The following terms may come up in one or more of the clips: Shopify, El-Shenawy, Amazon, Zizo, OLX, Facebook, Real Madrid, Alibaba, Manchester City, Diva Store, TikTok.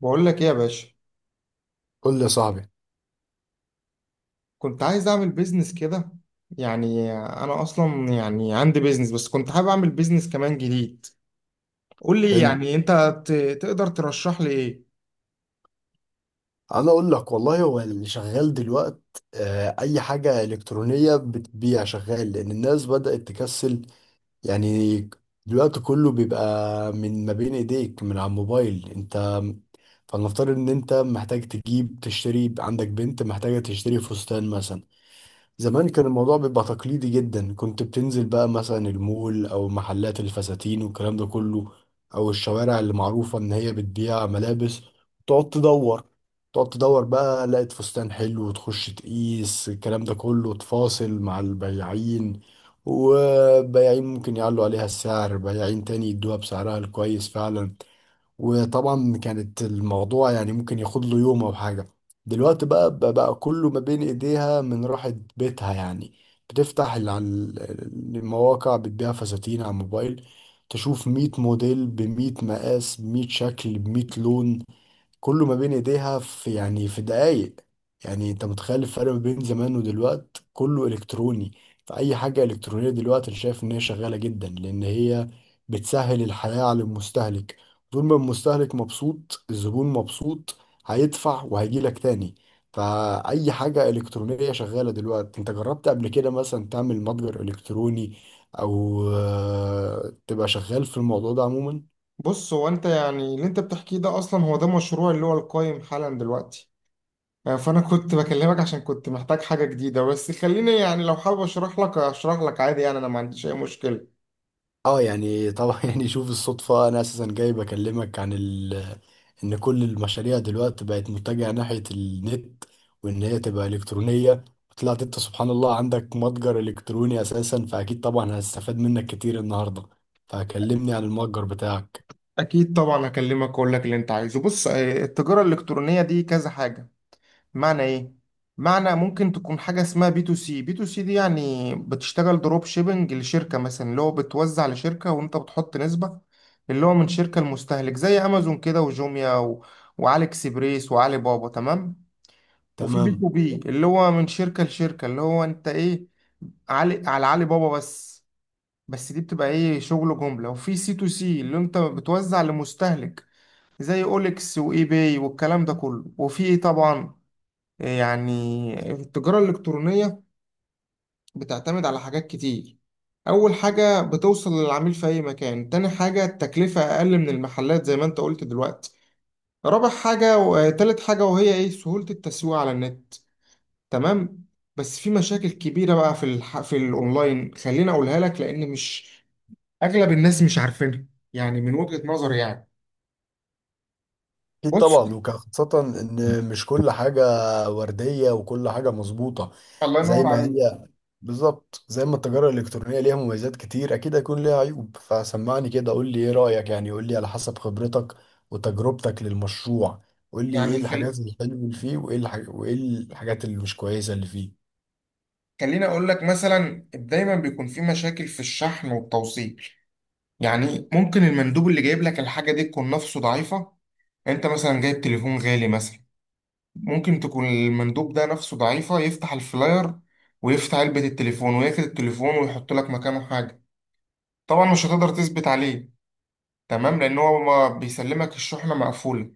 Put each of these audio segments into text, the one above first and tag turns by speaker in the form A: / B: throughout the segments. A: بقول لك ايه يا باشا؟
B: قول لي يا صاحبي.
A: كنت عايز اعمل بيزنس كده. يعني انا اصلا يعني عندي بيزنس، بس كنت حابب اعمل بيزنس كمان جديد. قول لي
B: حلو.
A: يعني انت تقدر ترشح لي ايه؟
B: انا اقول لك والله هو اللي شغال دلوقت. اي حاجه الكترونيه بتبيع شغال لان الناس بدات تكسل. يعني دلوقتي كله بيبقى من ما بين ايديك من على الموبايل انت. فلنفترض ان انت محتاج تجيب تشتري، عندك بنت محتاجه تشتري فستان مثلا. زمان كان الموضوع بيبقى تقليدي جدا، كنت بتنزل بقى مثلا المول او محلات الفساتين والكلام ده كله، او الشوارع اللي معروفة ان هي بتبيع ملابس. تقعد تدور، تقعد تدور بقى لقيت فستان حلو وتخش تقيس الكلام ده كله، تفاصل مع البياعين. وبياعين ممكن يعلوا عليها السعر، بياعين تاني يدوها بسعرها الكويس فعلا. وطبعا كانت الموضوع يعني ممكن ياخد له يوم او حاجه. دلوقتي بقى كله ما بين ايديها من راحه بيتها يعني. بتفتح المواقع بتبيع فساتين على الموبايل. تشوف 100 موديل ب 100 مقاس ب 100 شكل ب 100 لون، كله ما بين ايديها في يعني في دقايق. يعني انت متخيل الفرق ما بين زمان ودلوقت؟ كله الكتروني. فاي حاجه الكترونيه دلوقتي انا شايف ان هي شغاله جدا لان هي بتسهل الحياه على المستهلك. طول ما المستهلك مبسوط، الزبون مبسوط، هيدفع وهيجيلك تاني. فاي حاجه الكترونيه شغاله دلوقتي. انت جربت قبل كده مثلا تعمل متجر الكتروني او تبقى شغال في الموضوع ده عموما؟
A: بص، هو انت يعني اللي انت بتحكيه ده اصلا هو ده مشروع اللي هو القايم حالا دلوقتي. آه، فانا كنت بكلمك عشان كنت محتاج حاجة جديدة، بس خليني يعني لو حابب اشرح لك اشرح لك عادي، يعني انا ما عنديش اي مشكلة.
B: اه يعني طبعا يعني شوف الصدفة، انا اساسا جاي بكلمك عن ان كل المشاريع دلوقتي بقت متجهة ناحية النت، وان هي تبقى الكترونية. وطلعت انت سبحان الله عندك متجر الكتروني اساسا، فاكيد طبعا هستفاد منك كتير النهاردة. فكلمني عن المتجر بتاعك.
A: اكيد طبعا هكلمك اقول لك اللي انت عايزه. بص، آه، التجارة الالكترونية دي كذا حاجة. معنى ايه؟ معنى ممكن تكون حاجه اسمها بي تو سي. بي تو سي دي يعني بتشتغل دروب شيبنج لشركه مثلا، اللي هو بتوزع لشركه وانت بتحط نسبه. اللي هو من شركه المستهلك زي امازون كده، وجوميا وعلي اكسبريس وعلي بابا. تمام. وفي بي تو
B: تمام.
A: بي اللي هو من شركه لشركه، اللي هو انت ايه، علي على علي بابا بس. بس دي بتبقى ايه، شغل جمله. وفي سي تو سي اللي انت بتوزع لمستهلك زي اوليكس واي باي والكلام ده كله. وفي ايه طبعا، يعني التجارة الإلكترونية بتعتمد على حاجات كتير. أول حاجة بتوصل للعميل في أي مكان. تاني حاجة التكلفة أقل من المحلات زي ما أنت قلت دلوقتي. رابع حاجة وتالت حاجة وهي إيه، سهولة التسويق على النت. تمام. بس في مشاكل كبيرة بقى في في الأونلاين خليني أقولها لك، لأن مش أغلب الناس مش عارفينها، يعني من وجهة نظري يعني.
B: أكيد
A: بص،
B: طبعا، وكان خاصة إن مش كل حاجة وردية وكل حاجة مظبوطة
A: الله
B: زي
A: ينور
B: ما
A: عليك.
B: هي. بالظبط، زي ما التجارة الإلكترونية ليها مميزات كتير أكيد هيكون ليها عيوب. فسمعني كده، قول لي إيه رأيك، يعني قول لي على حسب خبرتك وتجربتك للمشروع. قول لي إيه
A: يعني
B: الحاجات الحلوة اللي فيه، وإيه وإيه الحاجات اللي مش كويسة اللي فيه.
A: خليني أقول لك مثلا، دايما بيكون في مشاكل في الشحن والتوصيل. يعني ممكن المندوب اللي جايب لك الحاجة دي تكون نفسه ضعيفة. انت مثلا جايب تليفون غالي مثلا، ممكن تكون المندوب ده نفسه ضعيفة، يفتح الفلاير ويفتح علبة التليفون وياخد التليفون ويحط لك مكانه حاجة. طبعا مش هتقدر تثبت عليه، تمام، لان هو ما بيسلمك الشحنة مقفولة.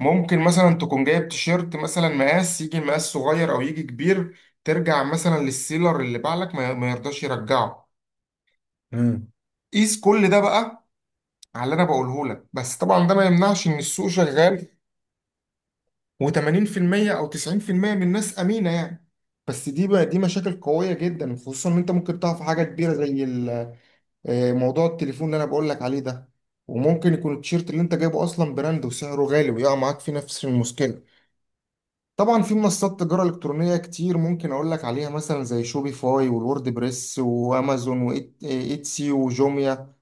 A: ممكن مثلا تكون جايب تيشيرت مثلا، مقاس يجي مقاس صغير او يجي كبير، ترجع مثلا للسيلر اللي باع لك ما يرضاش يرجعه.
B: امم.
A: قيس كل ده بقى على اللي انا بقوله لك. بس طبعا ده ما يمنعش ان السوق شغال، و80% او 90% من الناس امينه يعني. بس دي بقى دي مشاكل قويه جدا، خصوصا ان انت ممكن تقع في حاجه كبيره زي آه، موضوع التليفون اللي انا بقول لك عليه ده. وممكن يكون التيشيرت اللي انت جايبه اصلا براند وسعره غالي، ويقع معاك في نفس المشكله. طبعا في منصات تجاره الكترونيه كتير ممكن اقول لك عليها، مثلا زي شوبيفاي والورد بريس وامازون وايتسي وجوميا.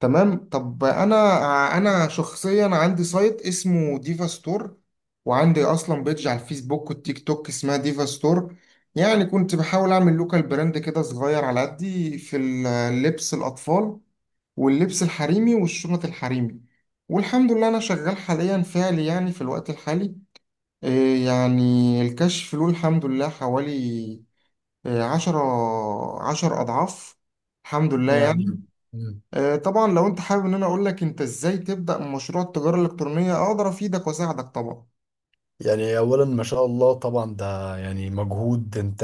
A: تمام. طب انا، انا شخصيا عندي سايت اسمه ديفا ستور، وعندي اصلا بيدج على الفيسبوك والتيك توك اسمها ديفا ستور. يعني كنت بحاول اعمل لوكال براند كده صغير على قدي، في اللبس الاطفال واللبس الحريمي والشنط الحريمي. والحمد لله انا شغال حاليا فعلي يعني، في الوقت الحالي، إيه يعني الكشف له الحمد لله حوالي إيه، عشرة، عشر اضعاف الحمد لله
B: يعني
A: يعني.
B: مم.
A: آه، طبعا لو انت حابب ان انا اقول لك انت ازاي تبدأ مشروع التجارة الالكترونية، اقدر افيدك واساعدك طبعا.
B: يعني اولا ما شاء الله طبعا ده يعني مجهود انت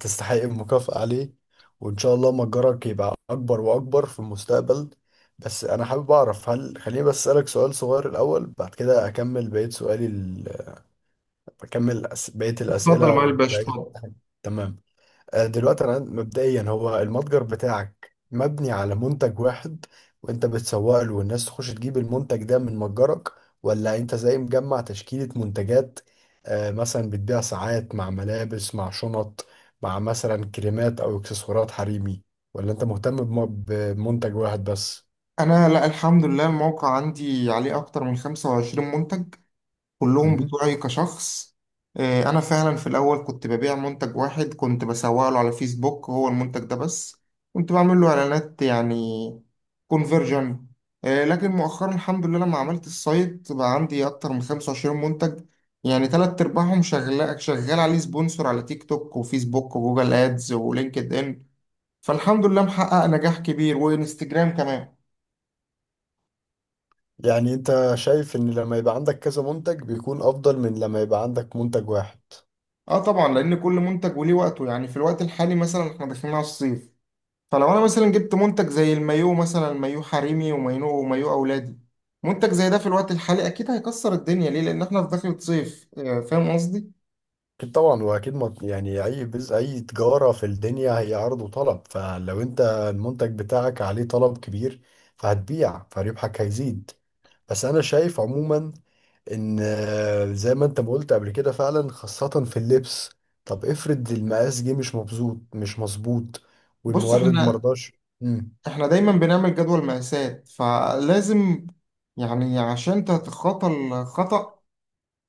B: تستحق المكافأة عليه، وان شاء الله متجرك يبقى اكبر واكبر في المستقبل. بس انا حابب اعرف، هل خليني بس اسالك سؤال صغير الاول بعد كده اكمل بقية سؤالي اكمل بقية
A: اتفضل يا
B: الاسئلة
A: معالي الباشا،
B: وبقية.
A: اتفضل.
B: تمام. دلوقتي انا مبدئيا هو المتجر بتاعك مبني على منتج واحد وانت بتسوق له والناس تخش تجيب المنتج ده من متجرك، ولا انت زي مجمع تشكيلة منتجات؟ مثلا بتبيع ساعات مع ملابس مع شنط مع مثلا كريمات او اكسسوارات حريمي، ولا انت مهتم بمنتج واحد بس؟
A: انا لا، الحمد لله الموقع عندي عليه اكتر من 25 منتج، كلهم
B: مهم.
A: بتوعي كشخص. آه، انا فعلا في الاول كنت ببيع منتج واحد، كنت بسوق له على فيسبوك هو المنتج ده بس، كنت بعمل له اعلانات يعني كونفرجن. لكن مؤخرا الحمد لله لما عملت السايت بقى عندي اكتر من 25 منتج. يعني تلات ارباعهم شغال، شغال عليه سبونسور على تيك توك وفيسبوك وجوجل ادز ولينكد ان. فالحمد لله محقق نجاح كبير، وانستجرام كمان.
B: يعني انت شايف ان لما يبقى عندك كذا منتج بيكون افضل من لما يبقى عندك منتج واحد؟
A: اه طبعا، لان كل منتج وليه وقته. يعني في الوقت الحالي مثلا احنا داخلين على الصيف، فلو انا مثلا جبت منتج زي المايو مثلا، مايو حريمي ومايو ومايو اولادي، منتج زي ده في الوقت الحالي اكيد هيكسر الدنيا. ليه؟ لان احنا في دخلة صيف. آه، فاهم قصدي؟
B: أكيد طبعا، وأكيد ما يعني أي بز أي تجارة في الدنيا هي عرض وطلب، فلو أنت المنتج بتاعك عليه طلب كبير فهتبيع فربحك هيزيد. بس أنا شايف عموما إن زي ما أنت ما قلت قبل كده فعلا، خاصة في اللبس. طب افرض المقاس جه مش مظبوط، مش مظبوط
A: بص،
B: والمورد
A: احنا
B: مرضاش.
A: احنا دايما بنعمل جدول مقاسات، فلازم يعني عشان تتخطى الخطأ،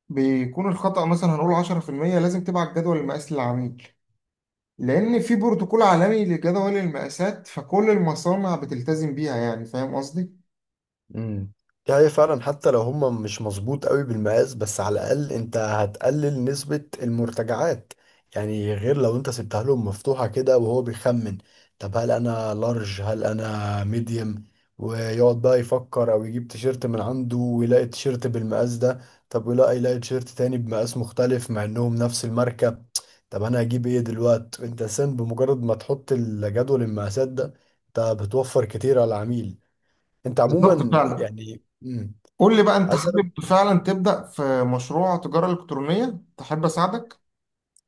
A: بيكون الخطأ مثلا هنقول 10%، لازم تبعت جدول المقاس للعميل. لان في بروتوكول عالمي لجدول المقاسات فكل المصانع بتلتزم بيها، يعني فاهم قصدي.
B: امم. دي حقيقة فعلا، حتى لو هما مش مظبوط قوي بالمقاس بس على الأقل أنت هتقلل نسبة المرتجعات. يعني غير لو أنت سبتها لهم مفتوحة كده وهو بيخمن، طب هل أنا لارج، هل أنا ميديم، ويقعد بقى يفكر أو يجيب تيشيرت من عنده ويلاقي تيشيرت بالمقاس ده. طب ويلاقي تيشيرت تاني بمقاس مختلف مع إنهم نفس الماركة، طب أنا هجيب إيه دلوقت؟ أنت سن بمجرد ما تحط الجدول المقاسات ده أنت بتوفر كتير على العميل. انت
A: بالظبط
B: عموما
A: فعلا.
B: يعني مم.
A: قول لي بقى، انت
B: عايز اسالك،
A: حابب فعلا تبدأ في مشروع تجارة إلكترونية تحب اساعدك؟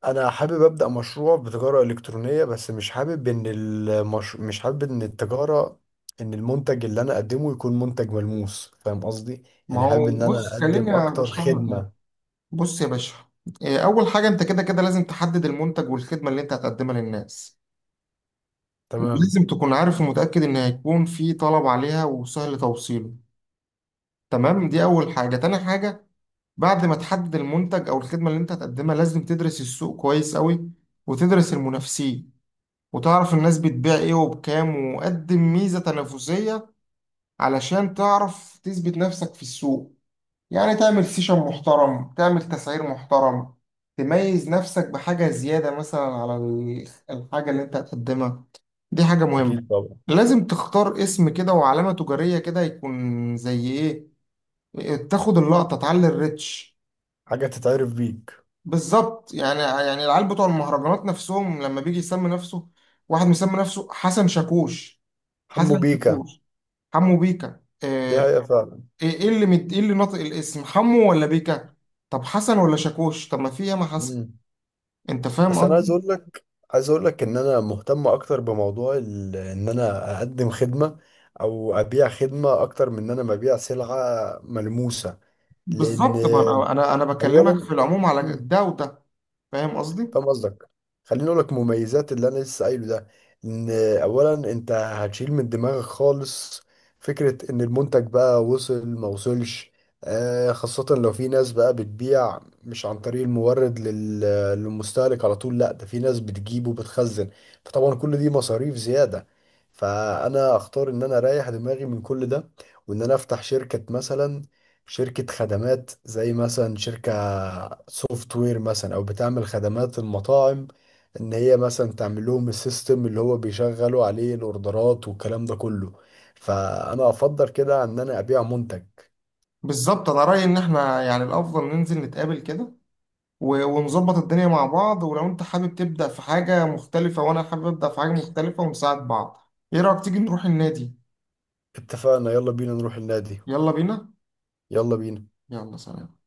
B: انا حابب ابدا مشروع بتجاره الكترونيه بس مش حابب ان مش حابب ان التجاره، ان المنتج اللي انا اقدمه يكون منتج ملموس، فاهم قصدي؟
A: ما
B: يعني
A: هو
B: حابب ان انا
A: بص خليني
B: اقدم اكتر
A: ارشح لك يعني.
B: خدمه.
A: بص يا باشا، إيه، اول حاجة انت كده كده لازم تحدد المنتج والخدمة اللي انت هتقدمها للناس،
B: تمام.
A: ولازم تكون عارف ومتأكد ان هيكون في طلب عليها وسهل توصيله. تمام، دي اول حاجة. تاني حاجة، بعد ما تحدد المنتج او الخدمة اللي انت هتقدمها، لازم تدرس السوق كويس قوي، وتدرس المنافسين، وتعرف الناس بتبيع ايه وبكام، وقدم ميزة تنافسية علشان تعرف تثبت نفسك في السوق. يعني تعمل سيشن محترم، تعمل تسعير محترم، تميز نفسك بحاجة زيادة مثلا على الحاجة اللي انت هتقدمها، دي حاجة مهمة.
B: اكيد طبعا.
A: لازم تختار اسم كده وعلامة تجارية كده يكون زي ايه، تاخد اللقطة تعلي الريتش.
B: حاجه تتعرف بيك.
A: بالظبط يعني، يعني العيال بتوع المهرجانات نفسهم لما بيجي يسمي نفسه، واحد مسمي نفسه حسن شاكوش.
B: حمو
A: حسن
B: بيكا.
A: شاكوش. حمو بيكا،
B: دي
A: آه،
B: هي فعلا.
A: ايه، إيه اللي ايه اللي ناطق الاسم حمو ولا بيكا؟ طب حسن ولا شاكوش؟ طب ما في ياما حسن.
B: مم.
A: انت فاهم
B: بس انا عايز
A: قصدي؟
B: اقول لك، عايز اقول لك ان انا مهتم اكتر بموضوع ان انا اقدم خدمه او ابيع خدمه اكتر من ان انا ببيع سلعه ملموسه. لان
A: بالظبط، ما انا أنا
B: اولا
A: بكلمك في العموم على
B: مم،
A: ده وده. فاهم قصدي؟
B: فاهم قصدك. خليني اقول لك مميزات اللي انا لسه قايله ده، ان اولا انت هتشيل من دماغك خالص فكره ان المنتج بقى وصل ما وصلش. خاصه لو في ناس بقى بتبيع مش عن طريق المورد للمستهلك على طول، لا ده في ناس بتجيب وبتخزن، فطبعا كل دي مصاريف زياده. فانا اختار ان انا اريح دماغي من كل ده وان انا افتح شركه مثلا، شركة خدمات زي مثلا شركة سوفت وير مثلا، أو بتعمل خدمات المطاعم، إن هي مثلا تعمل لهم السيستم اللي هو بيشغلوا عليه الأوردرات والكلام ده كله. فأنا أفضل كده عن إن أنا أبيع منتج.
A: بالظبط. انا رايي ان احنا يعني الافضل ننزل نتقابل كده ونظبط الدنيا مع بعض، ولو انت حابب تبدا في حاجه مختلفه وانا حابب ابدا في حاجه مختلفه ونساعد بعض. ايه رايك تيجي نروح النادي؟
B: اتفقنا، يلا بينا نروح النادي.
A: يلا بينا.
B: يلا بينا.
A: يلا سلام.